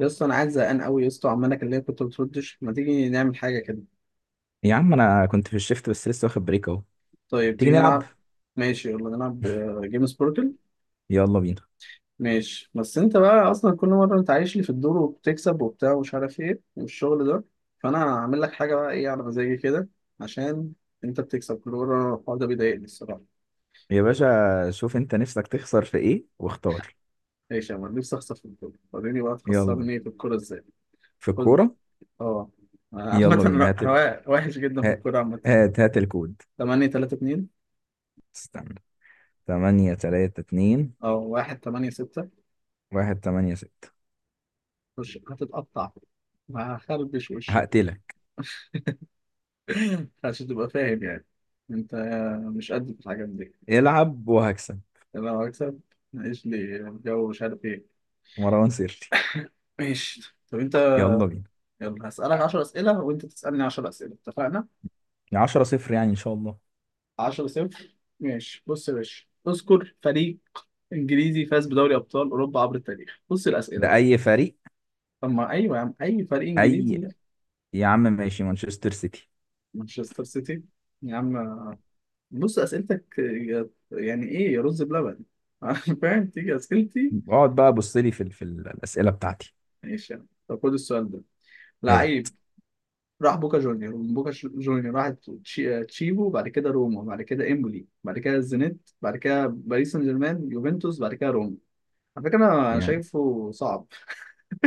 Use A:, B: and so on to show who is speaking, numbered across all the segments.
A: يا اسطى انا قاعد زهقان قوي يا اسطى، عمال اكلمك وانت ما بتردش. ما تيجي نعمل حاجه كده؟
B: يا عم، انا كنت في الشيفت بس لسه واخد بريك اهو.
A: طيب
B: تيجي
A: تيجي
B: نلعب.
A: نلعب؟ ماشي يلا نلعب. جيم سبوركل.
B: يلا بينا.
A: ماشي، بس انت بقى اصلا كل مره انت عايش لي في الدور وبتكسب وبتاع ومش عارف ايه والشغل ده. فانا هعمل لك حاجه بقى ايه على مزاجي كده، عشان انت بتكسب كل مره. الحوار ده بيضايقني الصراحه.
B: يا باشا، شوف انت نفسك تخسر في ايه واختار.
A: ماشي يا مان، نفسي اخسر في الكوره. وريني بقى
B: يلا.
A: تخسرني في الكوره ازاي.
B: في
A: خد.
B: الكورة.
A: اه. عامة
B: يلا بينا،
A: أنا وحش جدا في
B: ها-
A: الكورة عامة.
B: هات الكود.
A: 8 3 2.
B: استنى. تمانية تلاتة اتنين.
A: اه، 1 8 6.
B: واحد تمانية ستة.
A: مش هتتقطع وهخربش وشك.
B: هقتلك.
A: عشان تبقى فاهم يعني. انت مش قد في الحاجات دي.
B: العب وهكسب.
A: انا لو هكسب معيش لي جو مش عارف ايه.
B: مروان سيرتي.
A: ماشي طب انت.
B: يلا بينا.
A: يلا هسألك 10 أسئلة وانت تسألني 10 أسئلة، اتفقنا؟
B: يا عشرة صفر يعني ان شاء الله.
A: 10 صفر ماشي. بص يا باشا، اذكر فريق انجليزي فاز بدوري ابطال اوروبا عبر التاريخ. بص الأسئلة
B: ده
A: بقى.
B: اي فريق؟
A: طب ما ايوه يا عم، اي فريق
B: اي.
A: انجليزي.
B: يا عم ماشي، مانشستر سيتي.
A: مانشستر سيتي، يا عم. بص اسئلتك يعني ايه يا رز بلبن؟ فاهم؟ تيجي اسئلتي.
B: اقعد بقى، بص لي في الاسئلة بتاعتي.
A: ماشي يا عم. طب خد السؤال ده.
B: ايه؟
A: لعيب راح بوكا جونيور، ومن بوكا جونيور راح تشيبو، بعد كده روما، بعد كده امبولي، بعد كده الزينيت، بعد كده باريس سان جيرمان، يوفنتوس، بعد كده روما. على فكره انا
B: يعني
A: شايفه صعب.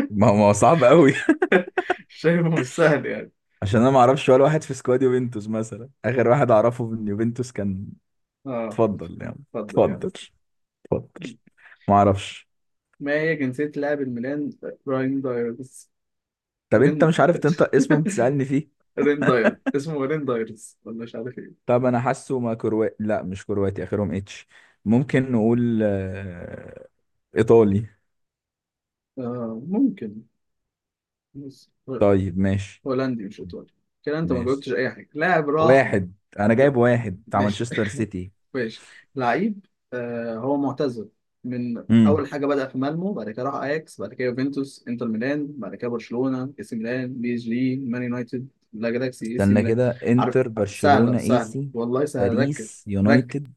B: ما هو صعب قوي.
A: شايفه مش سهل يعني.
B: عشان انا ما اعرفش ولا واحد في سكواد يوفنتوس، مثلا اخر واحد اعرفه من يوفنتوس كان...
A: اه
B: اتفضل يعني.
A: اتفضل يعني.
B: اتفضل. اتفضل. ما اعرفش.
A: ما هي جنسية لاعب الميلان راين دايرز؟
B: طب انت
A: رين
B: مش عارف تنطق اسمه بتسألني فيه؟
A: رين داير، اسمه رين دايرز ولا مش عارف إيه.
B: طب انا حاسه، ما كرواتي، لا مش كرواتي، اخرهم اتش. ممكن نقول ايطالي.
A: آه ممكن. بس هو-
B: طيب ماشي.
A: هولندي مش ايطالي. كده انت ما
B: ماشي.
A: جاوبتش اي حاجه. لاعب راح.
B: واحد. انا
A: لا.
B: جايب واحد بتاع
A: ماشي.
B: مانشستر سيتي.
A: ماشي. لعيب، آه هو معتزل، من
B: امم
A: اول حاجه بدأ في مالمو، بعد كده راح اياكس، بعد كده يوفنتوس، انتر ميلان، بعد كده برشلونه، اي سي ميلان، بي اس جي، مان يونايتد. لا جالاكسي اي سي
B: استنى
A: ميلان.
B: كده،
A: عارف؟
B: انتر
A: سهله
B: برشلونة،
A: سهله
B: ايسي...
A: والله سهله، ركز.
B: باريس
A: ركز.
B: يونايتد.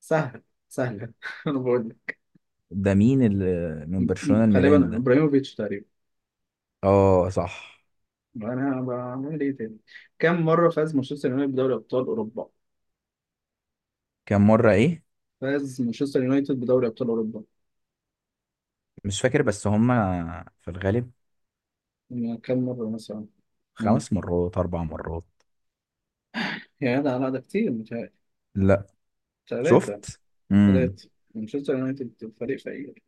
A: سهله. سهله انا بقول لك.
B: ده مين اللي من برشلونة الميلان
A: غالبا
B: ده؟
A: ابراهيموفيتش تقريبا.
B: اه صح.
A: انا بعمل ايه تاني؟ كم مره فاز مانشستر يونايتد بدوري ابطال اوروبا؟
B: كام مرة ايه؟
A: فاز مانشستر يونايتد بدوري ابطال اوروبا.
B: مش فاكر بس هما في الغالب...
A: يعني كم مره مثلا؟
B: خمس
A: ممكن.
B: مرات، اربع مرات.
A: يعني لا لا ده كتير متهيألي.
B: لا.
A: ثلاثة.
B: شفت. امم
A: ثلاثة. مانشستر يونايتد فريق فقير.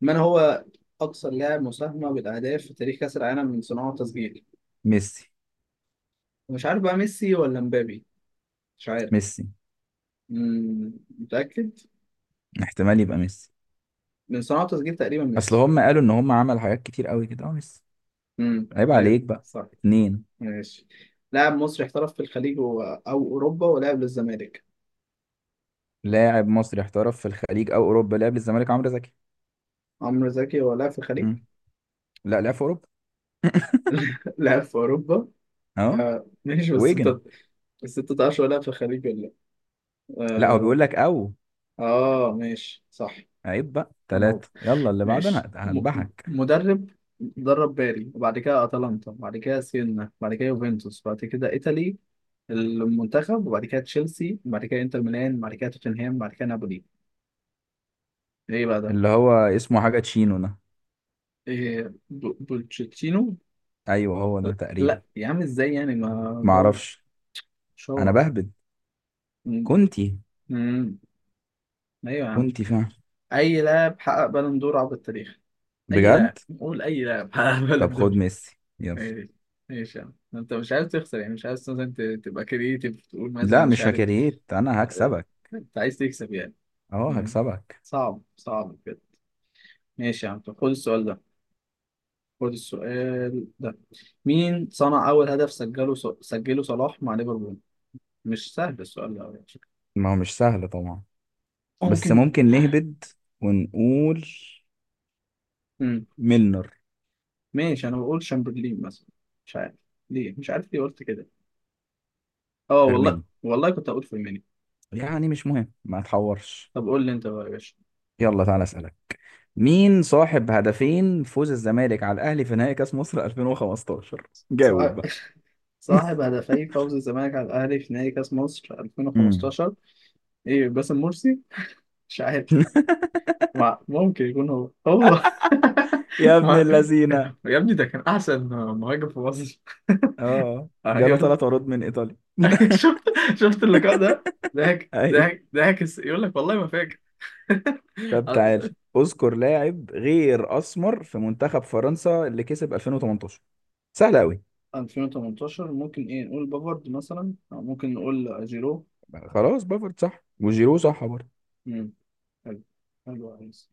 A: من هو أكثر لاعب مساهمة بالأهداف في تاريخ كأس العالم، من صناعة وتسجيل؟
B: ميسي.
A: مش عارف بقى ميسي ولا مبابي. مش عارف.
B: ميسي،
A: مم. متأكد؟
B: احتمال يبقى ميسي.
A: من صناعة وتسجيل تقريبا
B: اصل
A: ميسي.
B: هما قالوا ان هما عمل حاجات كتير قوي كده، اه ميسي. عيب
A: أيوه
B: عليك بقى.
A: صح.
B: اتنين.
A: ماشي. لاعب مصري احترف في الخليج أو أوروبا ولعب للزمالك.
B: لاعب مصري احترف في الخليج او اوروبا، لعب للزمالك، عمرو زكي.
A: عمرو زكي هو لاعب في الخليج؟
B: امم لا، لعب في اوروبا.
A: لعب في أوروبا.
B: اه.
A: آه ماشي، بس انت.
B: ويجن.
A: بس انت تعرفش هو لاعب في الخليج ولا لا.
B: لا هو
A: اه,
B: بيقول لك او...
A: آه ماشي صح.
B: عيب بقى،
A: انا
B: تلاتة. يلا اللي بعد
A: ماشي،
B: انا هذبحك.
A: مدرب درب باري، وبعد كده اتلانتا، وبعد كده سينا، وبعد كده يوفنتوس، وبعد كده ايطالي المنتخب، وبعد كده تشيلسي، وبعد كده انتر ميلان، وبعد كده توتنهام، وبعد كده نابولي. ايه بقى ده؟
B: اللي هو اسمه حاجة تشينو ده؟
A: إيه بولتشيتينو.
B: ايوه هو ده تقريبا.
A: لا يا عم، ازاي يعني ما ده
B: معرفش. انا
A: شهرة.
B: بهبد.
A: مم.
B: كنتي.
A: مم. ايوه يا عم.
B: كنتي فعلا.
A: اي لاعب حقق بالون دور عبر التاريخ؟ اي لاعب
B: بجد؟
A: قول، اي لاعب حقق
B: طب
A: بالون
B: خد
A: دور.
B: ميسي يلا.
A: ماشي. ماشي يا عم، انت مش عايز تخسر يعني. مش عايز مثلا تبقى كرييتيف تقول
B: لا
A: مثلا مش
B: مش
A: عارف.
B: هكريت، انا
A: آه،
B: هكسبك.
A: انت عايز تكسب يعني.
B: اهو
A: مم.
B: هكسبك.
A: صعب صعب كده. ماشي يا عم طب خد السؤال ده. خد السؤال ده. مين صنع اول هدف سجله، سجله صلاح مع ليفربول؟ مش سهل السؤال ده أوي على فكرة.
B: ما هو مش سهل طبعا. بس
A: ممكن.
B: ممكن نهبد ونقول...
A: مم.
B: ميلنر.
A: ماشي، انا بقول شامبرلين مثلا. مش عارف ليه. مش عارف ليه قلت كده. اه والله
B: فيرميني.
A: والله كنت هقول فيرمينيو.
B: يعني مش مهم، ما تحورش.
A: طب قول لي انت بقى يا باشا.
B: يلا تعالى اسالك. مين صاحب هدفين فوز الزمالك على الاهلي في نهائي كاس مصر 2015؟ جاوب
A: صاحب
B: بقى.
A: صاحب هدفي فوز الزمالك على الاهلي في نهائي كاس مصر
B: امم
A: 2015؟ ايه باسم مرسي. مش عارف. ممكن يكون هو هو.
B: يا ابن
A: ما...
B: اللذينه.
A: يا ابني ده كان احسن مهاجم في مصر.
B: اه جاله
A: ايوه.
B: ثلاث عروض من ايطاليا.
A: شفت؟ شفت اللقاء ده؟ ضحك
B: ايوه.
A: ضحك ضحك يقول لك والله ما فاكر.
B: طب تعال. اذكر لاعب غير اسمر في منتخب فرنسا اللي كسب 2018. سهل قوي.
A: 2018 ممكن ايه، نقول بافارد مثلا، أو ممكن نقول جيرو.
B: خلاص، بافارد صح وجيرو صح برضه.
A: امم. حلو. حلو عايز.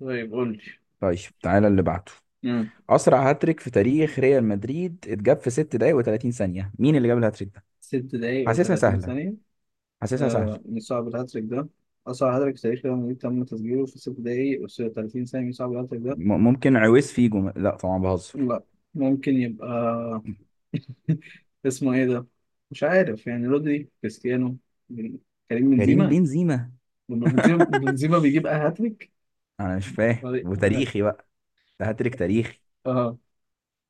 A: طيب قول لي.
B: طيب تعالى اللي بعده.
A: امم.
B: اسرع هاتريك في تاريخ ريال مدريد اتجاب في 6 دقايق و30 ثانيه، مين اللي جاب الهاتريك ده؟
A: ست دقايق
B: حاسسها
A: و30
B: سهله.
A: ثانية.
B: حاسسها سهله.
A: آه من صعب الهاتريك ده. أصعب هاتريك في تاريخ ريال مدريد تم تسجيله في ست دقايق و30 ثانية. من صعب الهاتريك ده.
B: ممكن عويس فيجو، لا طبعا بهزر.
A: لا، ممكن يبقى اسمه ايه ده؟ مش عارف يعني، رودري، كريستيانو، بن- كريم
B: كريم
A: بنزيما.
B: بنزيما.
A: بنزيما بنزيما بيجيب هاتريك.
B: انا مش فاهم، وتاريخي بقى. ده هاتريك تاريخي.
A: اه.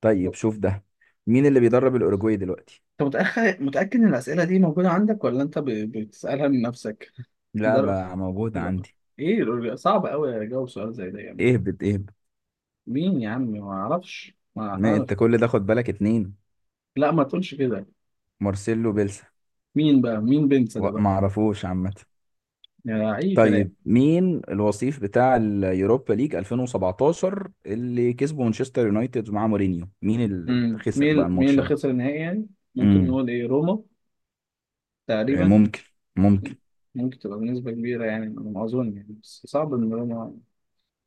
B: طيب شوف ده. مين اللي بيدرب الاوروجواي دلوقتي؟
A: انت متأكد ان الأسئلة دي موجودة عندك ولا انت بتسألها من نفسك؟ در...
B: لعبة موجودة
A: لا.
B: عندي.
A: ايه صعب قوي اجاوب سؤال زي ده يعني.
B: اهبط اهبط.
A: مين يا عم، ما اعرفش ما
B: ما
A: عارف.
B: انت كل ده خد بالك، اتنين.
A: لا ما تقولش كده.
B: مارسيلو بيلسا.
A: مين بقى، مين بنسى ده بقى.
B: ما اعرفوش عامة.
A: يعني اي كلام.
B: طيب مين الوصيف بتاع اليوروبا ليج 2017، اللي كسبه مانشستر يونايتد مع مورينيو، مين اللي
A: امم،
B: خسر بقى
A: مين، مين
B: الماتش
A: اللي
B: ده؟
A: خسر النهائي يعني؟ ممكن
B: امم
A: نقول ايه، روما، تقريبا.
B: ممكن. ممكن.
A: ممكن تبقى بنسبة كبيرة يعني على ما اظن يعني، بس صعب ان روما.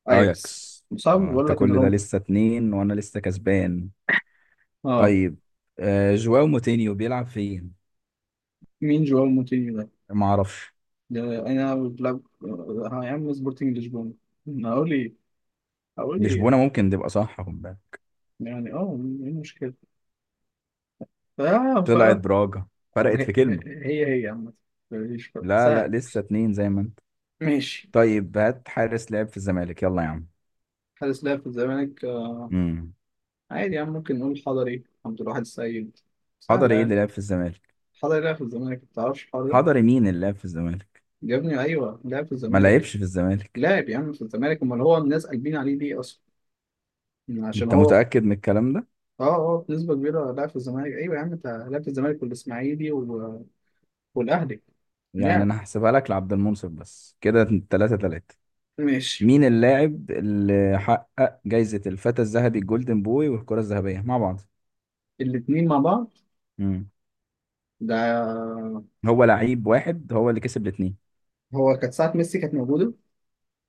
A: اياكس
B: اياكس.
A: صعب، بقول
B: انت
A: لك ان
B: كل ده
A: روما.
B: لسه اتنين وانا لسه كسبان.
A: اه.
B: طيب. جواو موتينيو بيلعب فين؟
A: مين جواو موتينيو ده؟
B: ما اعرفش.
A: ده انا بلعب، يا عم سبورتنج لشبونه. هقول ايه. هقول ايه.
B: لشبونة ممكن تبقى صح، خد بالك.
A: يعني اه. ايه المشكلة. اه ف.
B: طلعت براجا. فرقت
A: هي.
B: في كلمة.
A: هي هي عامة. مفيش فرق
B: لا لا،
A: سهل.
B: لسه اتنين زي ما انت.
A: ماشي.
B: طيب هات حارس لعب في الزمالك يلا يا عم.
A: حارس لعب في الزمالك،
B: امم
A: عادي يا عم، ممكن نقول حضري، عبد الواحد السيد. سهلة
B: حضري ايه اللي
A: يعني.
B: لعب في الزمالك؟
A: حضري لعب في الزمالك، متعرفش الحوار ده؟
B: حضري مين اللي لعب في الزمالك؟
A: يا ابني ايوه لعب في
B: ما
A: الزمالك.
B: لعبش في الزمالك.
A: لاعب يا عم في الزمالك، امال هو الناس قلبين عليه ليه اصلا؟ عشان
B: انت
A: هو.
B: متأكد من الكلام ده؟
A: اه اه بنسبة كبيرة لعب في الزمالك، ايوه يا عم، انت لعب في الزمالك والاسماعيلي والأهلي.
B: يعني
A: لعب.
B: انا هحسبها لك لعبد المنصف بس كده 3-3.
A: ماشي.
B: مين اللاعب اللي حقق جايزة الفتى الذهبي الجولدن بوي والكرة الذهبية مع بعض؟
A: الاتنين مع بعض.
B: امم
A: ده
B: هو لعيب واحد هو اللي كسب الاثنين.
A: هو كانت ساعة ميسي كانت موجودة.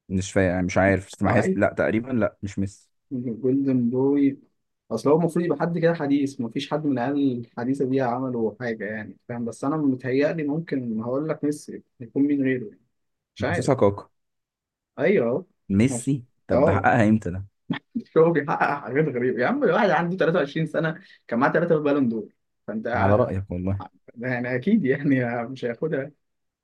B: مش فا... يعني مش عارف بس ما
A: اه
B: حس...
A: ايوه
B: لا تقريبا، لا مش ميسي.
A: جولدن بوي. اصل هو المفروض يبقى حد كده حديث، مفيش حد من العيال الحديثة دي عملوا حاجة يعني، فاهم؟ بس أنا متهيألي ممكن هقول لك ميسي، يكون مين غيره يعني. مش
B: مش
A: عارف.
B: حاسسها كاكا.
A: أيوه أهو. مش-
B: ميسي؟ طب ده
A: أه.
B: حققها امتى ده؟
A: هو بيحقق حاجات غريبة يا عم، الواحد عنده 23 سنة كان معاه ثلاثة بالون دور. فأنت
B: على
A: ع-
B: رأيك
A: ع-
B: والله.
A: يعني أكيد يعني مش هياخدها.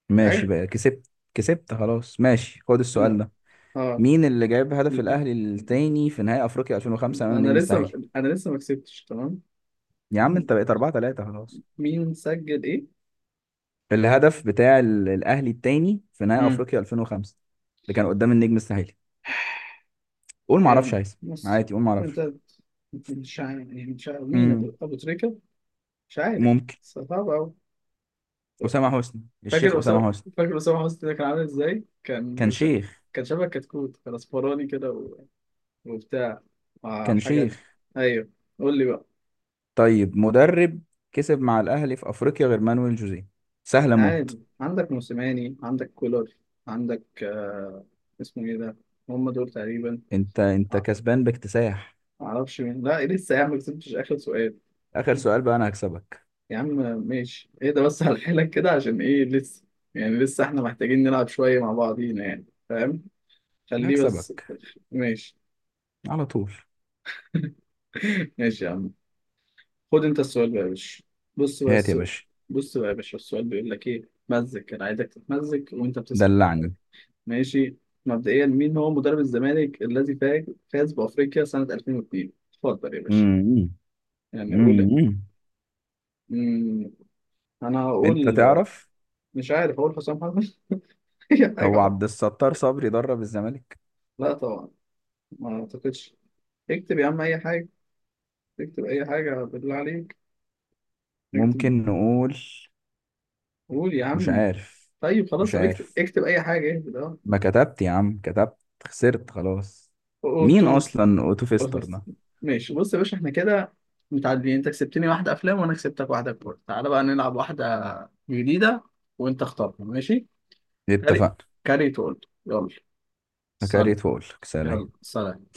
B: ماشي
A: يعني.
B: بقى، كسبت كسبت خلاص، ماشي خد السؤال
A: مم.
B: ده.
A: اه.
B: مين اللي جايب هدف
A: لا.
B: الاهلي التاني في نهائي افريقيا 2005 امام النجم
A: انا لسه،
B: الساحلي؟
A: ما كسبتش تمام.
B: يا عم انت بقيت 4-3 خلاص.
A: مين سجل ايه؟
B: الهدف بتاع الاهلي التاني في نهائي
A: امم.
B: افريقيا 2005، اللي كان قدام النجم الساحلي. قول ما اعرفش،
A: يعني
B: عايز.
A: بص.
B: عادي قول ما اعرفش.
A: انت مش عارف يعني، مش عارف مين، ابو
B: امم
A: ابو تريكه، مش عارف،
B: ممكن.
A: بس صعب قوي.
B: اسامه حسني، الشيخ
A: فاكر
B: اسامه
A: أسامة.
B: حسني.
A: فاكر أسامة حسني ده كان عامل ازاي؟
B: كان
A: كان
B: شيخ.
A: كان شبه كتكوت، كان اصفراني كده و... وبتاع مع
B: كان
A: حاجات.
B: شيخ.
A: ايوه. قول لي بقى.
B: طيب مدرب كسب مع الاهلي في افريقيا غير مانويل جوزيه. سهله موت.
A: عادي عندك موسيماني، عندك كولر، عندك اسمه ايه ده؟ هم دول تقريبا.
B: انت
A: آه،
B: كسبان باكتساح.
A: معرفش مين. لا لسه يا عم ما كسبتش، اخر سؤال
B: اخر سؤال بقى، انا هكسبك.
A: يا عم. ماشي ايه ده بس، على حيلك كده عشان ايه؟ لسه يعني، لسه احنا محتاجين نلعب شوية مع بعضينا يعني، فاهم؟ خليه بس.
B: هكسبك
A: ماشي.
B: على طول.
A: ماشي يا عم. خد انت السؤال بقى يا باشا. بص بقى
B: هات يا
A: السؤال.
B: باشا.
A: بص بقى يا باشا، السؤال بيقول لك ايه، مزك، انا عايزك تتمزك وانت بتسمع.
B: دلعني.
A: ماشي. مبدئيا مين هو مدرب الزمالك الذي فاز، فاز بافريقيا سنة 2002؟ اتفضل يا باشا.
B: مم.
A: يعني قول.
B: مم.
A: مم، انا هقول.
B: انت تعرف.
A: مش عارف، اقول حسام حرب اي حاجه
B: هو
A: أقول.
B: عبد الستار صبري درب الزمالك؟
A: لا طبعا، ما اعتقدش. اكتب يا عم اي حاجه. اكتب اي حاجه بالله عليك. اكتب.
B: ممكن نقول...
A: قول يا
B: مش
A: عم.
B: عارف.
A: طيب خلاص،
B: مش
A: طب اكتب،
B: عارف.
A: اكتب اي حاجه، اهبد اه.
B: ما كتبت يا عم، كتبت. خسرت خلاص. مين
A: اوتوف.
B: اصلا اوتوفيستر
A: بس.
B: ده؟
A: ماشي بص يا باشا، احنا كده متعادلين، انت كسبتني واحده افلام وانا كسبتك واحده كوره، تعالى بقى نلعب واحده جديده، وانت اختارها ماشي. كاري.
B: اتفقنا.
A: كاري تقول يلا. سلام.
B: فكريت واقول لك سلام.
A: يلا سلام.